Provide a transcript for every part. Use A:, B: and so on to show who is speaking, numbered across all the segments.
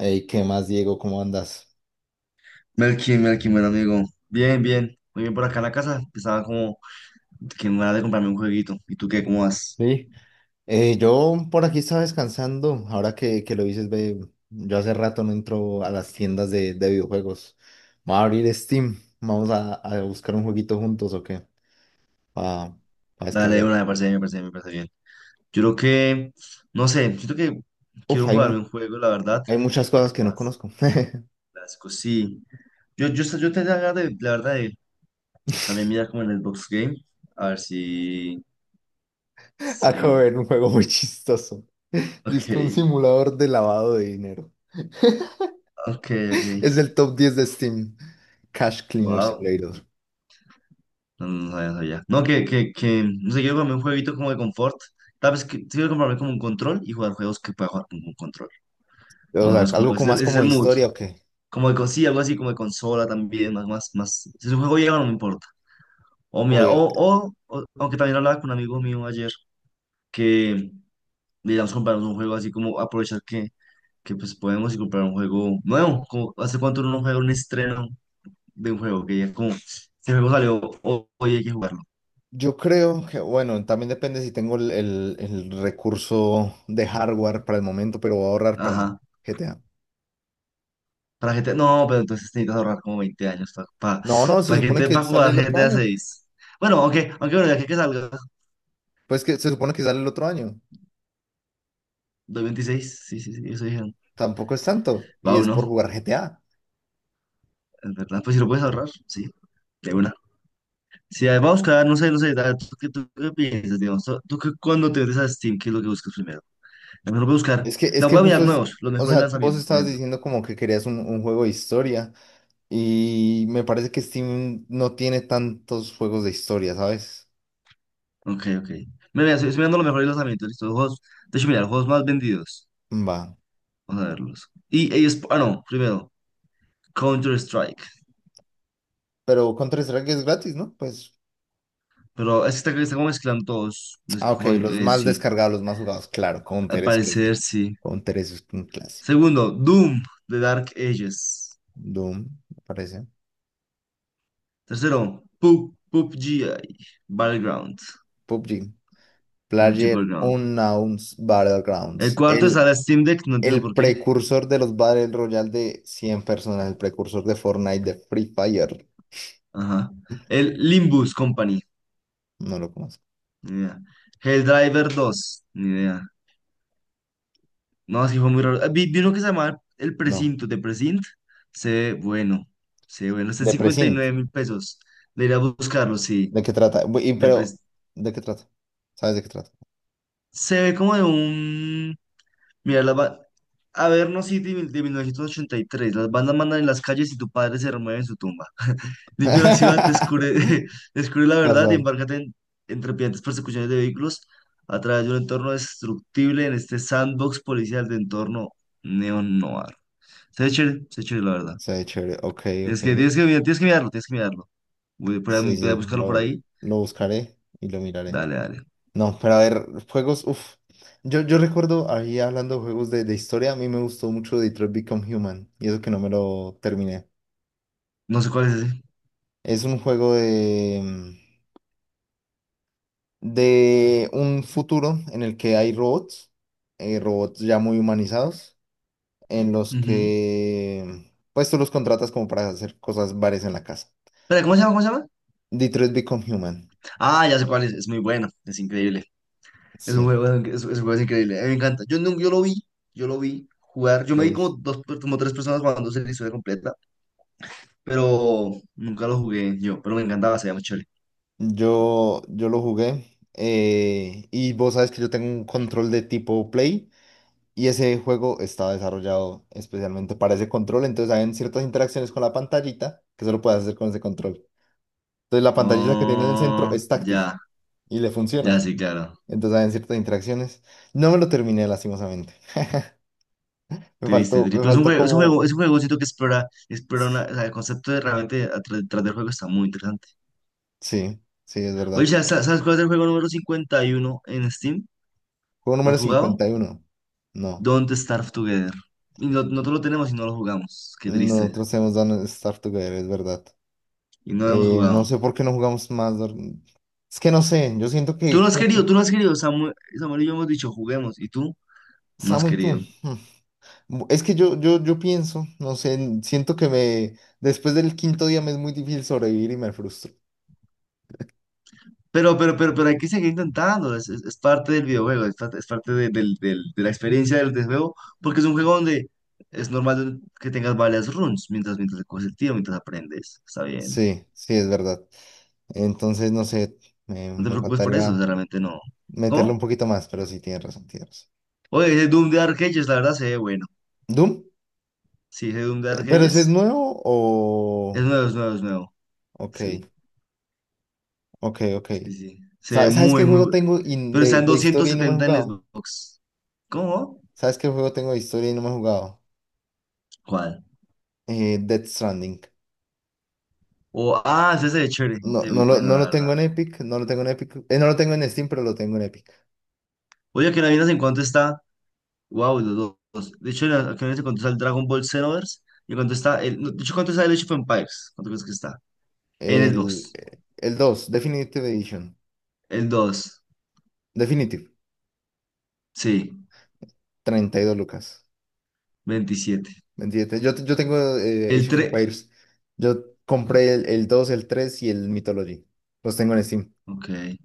A: Ey, ¿qué más, Diego? ¿Cómo andas?
B: Melkin, Melkin, buen amigo. Bien, bien. Muy bien por acá en la casa. Estaba como que me van de comprarme un jueguito. ¿Y tú qué? ¿Cómo vas?
A: Sí. Yo por aquí estaba descansando. Ahora que lo dices, ve, yo hace rato no entro a las tiendas de videojuegos. Vamos a abrir Steam. Vamos a buscar un jueguito juntos o qué. Para
B: Dale, de
A: descargar.
B: una, me parece bien, me parece bien, me parece bien. Yo creo que, no sé, siento que
A: Uf,
B: quiero jugarme un juego, la verdad.
A: hay muchas cosas que no
B: Más
A: conozco.
B: clásico, sí. Yo tenía ganas de, la verdad, de también mirar como en el box Game. A ver si,
A: Acabo
B: si.
A: de ver un juego muy chistoso. Dice
B: Ok,
A: que un simulador de lavado de dinero.
B: ok, ok.
A: Es el top 10 de Steam. Cash Cleaner
B: Wow.
A: Simulator.
B: No, no sabía, no sabía. No, no sé, quiero comprarme un jueguito como de confort. Tal vez que, quiero comprarme como un control y jugar juegos que pueda jugar con un control.
A: O
B: Más o
A: sea,
B: menos como
A: ¿algo como más
B: ese es
A: como
B: el
A: de
B: mood.
A: historia o qué?
B: Como de, con- sí, algo así como de consola también, más, más, más. Si es un juego llega, no me importa. O mira, o- aunque también hablaba con un amigo mío ayer que, digamos, comprarnos un juego así como aprovechar que pues podemos y comprar un juego nuevo. Como, ¿hace cuánto uno no juega un estreno de un juego? Que ya como, este juego salió, ho- hoy hay que jugarlo.
A: Yo creo que, bueno, también depende si tengo el recurso de hardware para el momento, pero voy a ahorrar para
B: Ajá.
A: GTA.
B: Para GTA, no, pero entonces necesitas ahorrar como 20 años para
A: No, no, se
B: que
A: supone
B: te
A: que
B: para
A: sale
B: jugar
A: el otro
B: GTA
A: año.
B: seis Bueno, aunque, bueno, ya que salga
A: Pues que se supone que sale el otro año.
B: 2026, sí, sí, sí, eso dijeron.
A: Tampoco es tanto. Y
B: Va
A: es
B: uno,
A: por jugar GTA.
B: es verdad. Pues si lo puedes ahorrar, sí, de una. Si va a buscar, no sé, no sé, da- tú qué piensas, digamos? ¿Tú qué- cuando te metes a Steam, qué es lo que buscas primero? A mí no voy a buscar,
A: Es que, es
B: no,
A: que
B: voy a
A: justo
B: mirar
A: es,
B: nuevos, los
A: o
B: mejores
A: sea, vos
B: lanzamientos, por
A: estabas
B: ejemplo.
A: diciendo como que querías un juego de historia. Y me parece que Steam no tiene tantos juegos de historia, ¿sabes?
B: Ok, ok. Mira, mira, estoy, estoy mirando los mejores lanzamientos, listo, juegos, de hecho, mira, los juegos más vendidos.
A: Va.
B: Vamos a verlos. Y es- ah, no, primero, Counter-Strike.
A: Pero Counter-Strike es gratis, ¿no? Pues
B: Pero es que está, está como mezclando todos. Mez-
A: ah, ok,
B: co-
A: los más
B: sí,
A: descargados, los más jugados. Claro,
B: al
A: Counter es que sí.
B: parecer sí.
A: Counter es un clásico.
B: Segundo, Doom de Dark Ages.
A: Doom, me parece.
B: Tercero, Pub- PUBG Battleground.
A: PUBG.
B: PUBG
A: Player
B: Battleground.
A: Unknown's Battlegrounds.
B: El cuarto
A: El,
B: está la Steam Deck, no entiendo
A: el
B: por qué.
A: precursor de los Battle Royale de 100 personas. El precursor de Fortnite, de Free Fire.
B: Ajá. El Limbus Company.
A: No lo conozco.
B: Ni idea. Helldriver Dos. Ni idea. No, es fue muy raro. Ah, Vi, vi uno que se llamaba El
A: No.
B: Precinto de Precint. Se ve bueno. Se ve bueno. Está en
A: De
B: cincuenta y
A: Precinct.
B: nueve mil pesos. Debería buscarlo, sí.
A: ¿De qué trata?
B: De Pre-
A: Pero, ¿de qué trata? ¿Sabes de qué trata?
B: Se ve como de un... Mira, las ba- Averno City mil- de 1983. Las bandas mandan en las calles y tu padre se remueve en su tumba. Limpia la ciudad, descubre, descubre la verdad y
A: Casual.
B: embárcate en trepidantes persecuciones de vehículos a través de un entorno destructible en este sandbox policial de entorno neo-noir. Se ve chévere, la verdad.
A: Se ve chévere. Ok, ok.
B: Tienes que, mirar- tienes que mirarlo, tienes que mirarlo. Voy a, por
A: Sí,
B: ahí- voy a
A: sí,
B: buscarlo por
A: lo,
B: ahí.
A: lo buscaré y lo miraré.
B: Dale, dale.
A: No, pero a ver, juegos, uff. Yo recuerdo ahí hablando de juegos de historia, a mí me gustó mucho Detroit Become Human, y eso que no me lo terminé.
B: No sé cuál es ese.
A: Es un juego de un futuro en el que hay robots, robots ya muy humanizados, en los
B: Ujú.
A: que pues tú los contratas como para hacer cosas varias en la casa.
B: Espera, ¿cómo se llama? ¿Cómo se llama?
A: Detroit Become Human,
B: Ah, ya sé cuál es. Es muy bueno, es increíble.
A: sí,
B: Es un juego increíble. A mí me encanta. Yo, nunca- yo lo vi jugar. Yo me
A: lo
B: vi
A: viste.
B: como dos, como tres personas jugando la historia completa, pero nunca lo jugué yo. Pero me encantaba, se llama Chole.
A: Yo lo jugué, y vos sabes que yo tengo un control de tipo Play. Y ese juego estaba desarrollado especialmente para ese control, entonces hay ciertas interacciones con la pantallita que solo puedes hacer con ese control. Entonces la pantallita que tiene en el centro
B: Oh,
A: es táctil
B: ya,
A: y le
B: ya
A: funciona.
B: sí, claro.
A: Entonces hay ciertas interacciones. No me lo terminé lastimosamente.
B: Triste, triste.
A: Me
B: Pero es un
A: faltó
B: juego, es un juego,
A: como...
B: es un juego, siento que explora, explora una- o sea, el concepto de realmente atrás, detrás del juego está muy interesante.
A: Sí, sí, es
B: Oye,
A: verdad.
B: sabes cuál es el juego número 51 en Steam?
A: Juego
B: ¿Más
A: número
B: jugado?
A: 51. No,
B: Don't Starve Together. Y no, nosotros lo tenemos y no lo jugamos. Qué triste.
A: nosotros hemos dado Star Together, es verdad.
B: Y no lo hemos
A: No
B: jugado.
A: sé por qué no jugamos más. Es que no sé, yo siento que
B: Tú no has
A: como que
B: querido, tú no has querido. Samuel, Samuel y yo hemos dicho, juguemos, y tú no has
A: Samu y tú.
B: querido.
A: hmm, Es que yo pienso, no sé, siento que me, después del quinto día me es muy difícil sobrevivir y me frustro.
B: Pero hay que seguir intentando. Es parte del videojuego, es parte de, del- del- de la experiencia del, del juego, porque es un juego donde es normal que tengas varias runs mientras, mientras coges el tiro, mientras aprendes. Está bien.
A: Sí, sí, es verdad. Entonces, no sé, me,
B: No te
A: me
B: preocupes por eso, o
A: faltaría
B: sea, realmente no.
A: meterle un
B: ¿Cómo?
A: poquito más, pero sí, tienes razón, tienes razón.
B: Oye, ese Doom de Arcades, la verdad se ve bueno.
A: ¿Doom?
B: Sí, ese Doom de
A: ¿Pero ese es
B: Arcades
A: nuevo o...?
B: es nuevo, es nuevo, es nuevo.
A: Ok,
B: Sí,
A: ok, ok.
B: sí, sí. Se ve
A: ¿Sabes qué
B: muy, muy
A: juego
B: bueno.
A: tengo
B: Pero está en
A: de
B: doscientos
A: historia y no me he
B: setenta en
A: jugado?
B: Xbox. ¿Cómo?
A: ¿Sabes qué juego tengo de historia y no me he jugado?
B: ¿Cuál?
A: Death Stranding.
B: O- ah, ese es de chévere,
A: No,
B: este es muy
A: no lo,
B: bueno,
A: no
B: la
A: lo
B: verdad.
A: tengo en Epic, no lo tengo en Epic. No lo tengo en Steam, pero lo tengo en Epic.
B: Oye, que no miras en cuánto está. Wow, los dos. De hecho, la- que no miras en cuánto está el Dragon Ball Xenoverse y en cuánto está el. No, de hecho, ¿cuánto está el Age of Empires? ¿Cuánto crees que está? En
A: El,
B: Xbox.
A: el 2 Definitive Edition.
B: El dos.
A: Definitive,
B: Sí.
A: 32 lucas.
B: Veintisiete.
A: 27. Yo tengo
B: El
A: Age of
B: tres.
A: Empires. Yo compré el dos, el 3 y el Mythology. Los tengo en Steam.
B: Ok,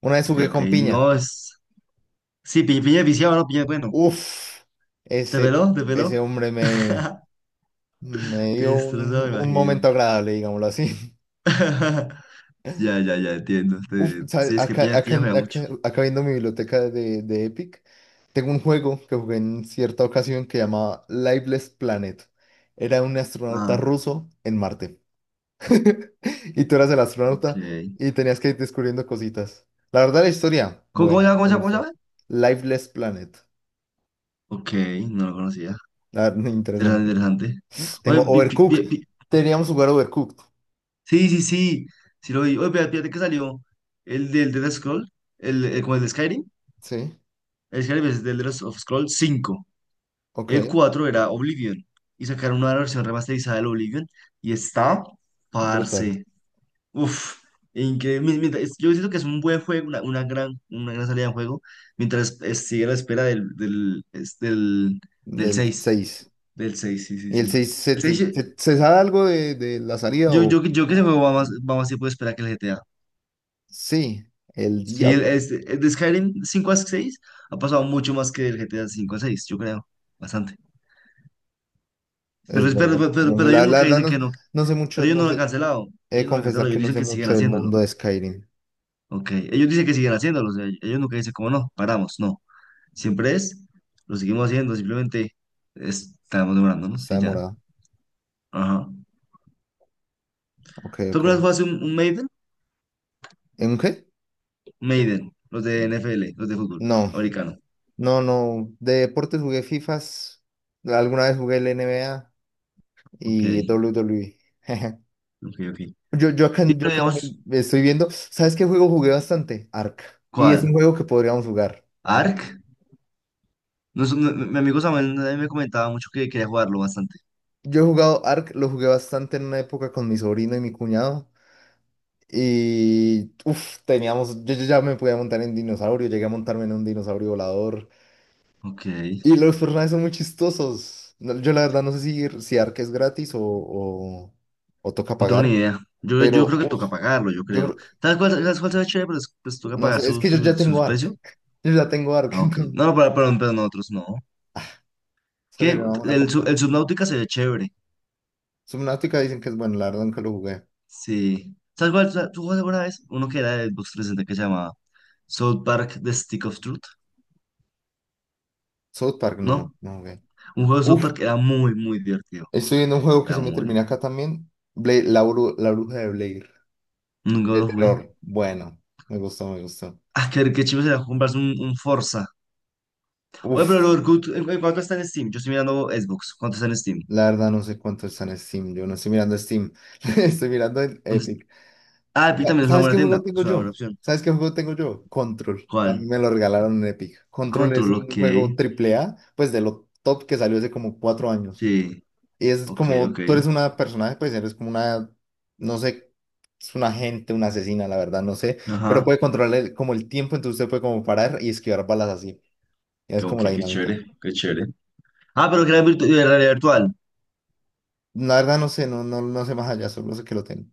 A: Una vez
B: ok,
A: jugué
B: ok.
A: con piña.
B: No es. Sí, piña, piña viciado, ¿no? Piña, bueno.
A: Uf,
B: ¿Te
A: ese,
B: peló? ¿Te peló?
A: ese hombre me, me
B: Te
A: dio
B: destrozó, me
A: un
B: imagino.
A: momento agradable, digámoslo así.
B: Ya, ya, ya, entiendo.
A: Uf,
B: Te-
A: ¿sabes?
B: Sí, es que
A: Acá,
B: piña,
A: acá,
B: piña
A: en-
B: juega mucho.
A: acá, acá viendo mi biblioteca de Epic, tengo un juego que jugué en cierta ocasión que llamaba Lifeless Planet. Era un astronauta
B: Ah,
A: ruso en Marte. Y tú eras el astronauta
B: ok.
A: y tenías que ir descubriendo cositas. La verdad, la historia,
B: ¿Cómo, cómo se
A: buena,
B: llama?
A: me
B: ¿Cómo se
A: gustó.
B: llama?
A: Lifeless Planet.
B: Ok, no lo conocía.
A: La verdad,
B: Interesante,
A: interesante.
B: interesante.
A: Tengo
B: Oye, pi- pi-
A: Overcooked.
B: pi- pi-
A: Teníamos jugar Overcooked.
B: sí, sí, sí, sí lo vi. Oye, fíjate que salió el del Dead Scroll, el, como el de Skyrim.
A: Sí,
B: El Skyrim es del Dead of Scroll 5. El
A: ok.
B: 4 era Oblivion. Y sacaron una versión remasterizada del Oblivion. Y está,
A: Brutal.
B: parce. Uf, increíble. Mi- mientras- es- Yo siento que es un buen juego, una gran salida de juego. Mientras es- sigue a la espera del, del, es del, del
A: Del
B: seis.
A: seis.
B: Del 6, sí, sí,
A: ¿Y el
B: sí.
A: 6 se sabe algo de la salida
B: Yo,
A: o
B: yo, yo que ese
A: no?
B: juego va más tiempo de espera que el G T A.
A: Sí, el
B: Sí,
A: diablo,
B: el, este- el de Skyrim 5 a 6 ha pasado mucho más que el GTA 5 a 6 yo creo. Bastante. Pero,
A: es
B: es- pero,
A: verdad.
B: pero, pero-
A: No sé,
B: pero ellos
A: la
B: nunca
A: verdad
B: dicen
A: no,
B: que no.
A: no sé
B: Pero
A: mucho,
B: ellos
A: no
B: no lo han
A: sé.
B: cancelado.
A: He de
B: Ellos no lo han cancelado.
A: confesar que
B: Ellos
A: no
B: dicen
A: sé
B: que siguen
A: mucho del
B: haciéndolo.
A: mundo de Skyrim.
B: Ok. Ellos dicen que siguen haciéndolo. O sea, ellos nunca dicen como no, paramos. No. Siempre es, lo seguimos haciendo. Simplemente estamos demorándonos
A: Está
B: y ya.
A: demorado.
B: Ajá.
A: Ok,
B: ¿Tú
A: ok.
B: alguna vez jugaste un Maiden?
A: ¿En qué?
B: Maiden. Los de N F L, los de fútbol
A: No,
B: americano.
A: no, no. De deportes jugué FIFAs. Alguna vez jugué el NBA
B: Ok.
A: y WWE.
B: Ok, ok. Sí,
A: Yo, yo acá, yo
B: pero
A: acá
B: digamos.
A: también estoy viendo. ¿Sabes qué juego jugué bastante? Ark. Y es un
B: ¿Cuál?
A: juego que podríamos jugar.
B: ¿Ark? No, es- no- mi amigo Samuel me comentaba mucho que quería jugarlo bastante.
A: Yo he jugado Ark, lo jugué bastante en una época con mi sobrino y mi cuñado. Y uff, teníamos. Yo ya me podía montar en dinosaurio, llegué a montarme en un dinosaurio volador.
B: Ok,
A: Y los personajes son muy chistosos. No, yo la verdad no sé si Ark es gratis o toca
B: no tengo ni
A: pagar.
B: idea. Yo
A: Pero
B: creo que
A: uf,
B: toca pagarlo, yo
A: yo
B: creo.
A: creo-
B: Sabes cuál se ve chévere? Pero es- pues toca
A: no
B: pagar
A: sé, es
B: su,
A: que yo
B: su,
A: ya tengo
B: su
A: Ark.
B: precio.
A: Yo ya tengo Ark,
B: Ah, ok.
A: entonces.
B: No, no, pero nosotros no.
A: O sea,
B: ¿Qué?
A: sería una
B: El, Sub-
A: compra.
B: el Subnautica se ve chévere.
A: Subnautica dicen que es bueno, la verdad nunca lo jugué.
B: Sí. ¿Sabes cuál? Sa- ¿Tú jugaste alguna vez? Uno que era de Xbox 360 que se llamaba South Park The Stick of Truth,
A: South Park no,
B: ¿no?
A: no jugué.
B: Un juego de South
A: Uf,
B: Park que era muy, muy divertido.
A: estoy viendo un juego que
B: Era
A: se me
B: muy...
A: termina acá también. La bruja de Blair.
B: Nunca
A: De
B: lo jugué.
A: terror. Bueno, me gustó, me gustó.
B: Ah, qué, qué chido sería comprarse un Forza. Oye, pero el
A: Uf,
B: Orkut, ¿en cu- en cuánto está en Steam? Yo estoy mirando Xbox, ¿cuánto está en Steam?
A: la verdad no sé cuánto está en Steam. Yo no estoy mirando Steam. Estoy mirando en
B: ¿Dónde
A: Epic.
B: Ah, Epic
A: Ya,
B: también es una
A: ¿sabes
B: buena
A: qué juego
B: tienda,
A: tengo
B: es una buena
A: yo?
B: opción.
A: ¿Sabes qué juego tengo yo? Control.
B: ¿Cuál?
A: También me lo regalaron en Epic. Control es
B: Control, ok.
A: un juego triple A, pues de lo top que salió hace como 4 años.
B: Sí,
A: Y es
B: ok, ok.
A: como, tú eres una personaje, pues eres como una, no sé, es una agente, una asesina, la verdad, no sé, pero
B: Ajá.
A: puede controlar el- como el tiempo, entonces usted puede como parar y esquivar balas así.
B: Qué,
A: Es como
B: ok,
A: la
B: qué
A: dinámica.
B: chévere, qué chévere. Ah, pero que era virtu- de realidad virtual.
A: La verdad no sé, no, no, no sé más allá, solo sé que lo tengo.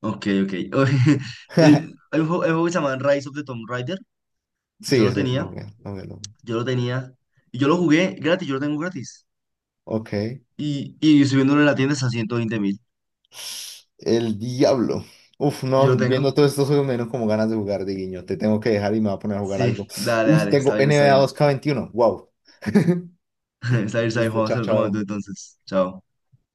B: Ok, ok. Eh, Hay un juego que se llama Rise of the Tomb Raider. Yo
A: Sí,
B: lo
A: ese es lo
B: tenía,
A: real.
B: yo lo tenía. Y yo lo jugué gratis, yo lo tengo gratis.
A: Ok.
B: Y subiéndolo en la tienda está a 120.000.
A: El diablo. Uf,
B: Yo lo
A: no,
B: tengo.
A: viendo todos estos juegos me dieron como ganas de jugar de guiño. Te tengo que dejar y me voy a poner a jugar algo.
B: Sí, dale,
A: Uf,
B: dale, está
A: tengo
B: bien, está
A: NBA dos
B: bien.
A: k veintiuno Wow.
B: Está bien,
A: Listo,
B: vamos a
A: chao,
B: hacer otro momento
A: chao.
B: entonces. Chao.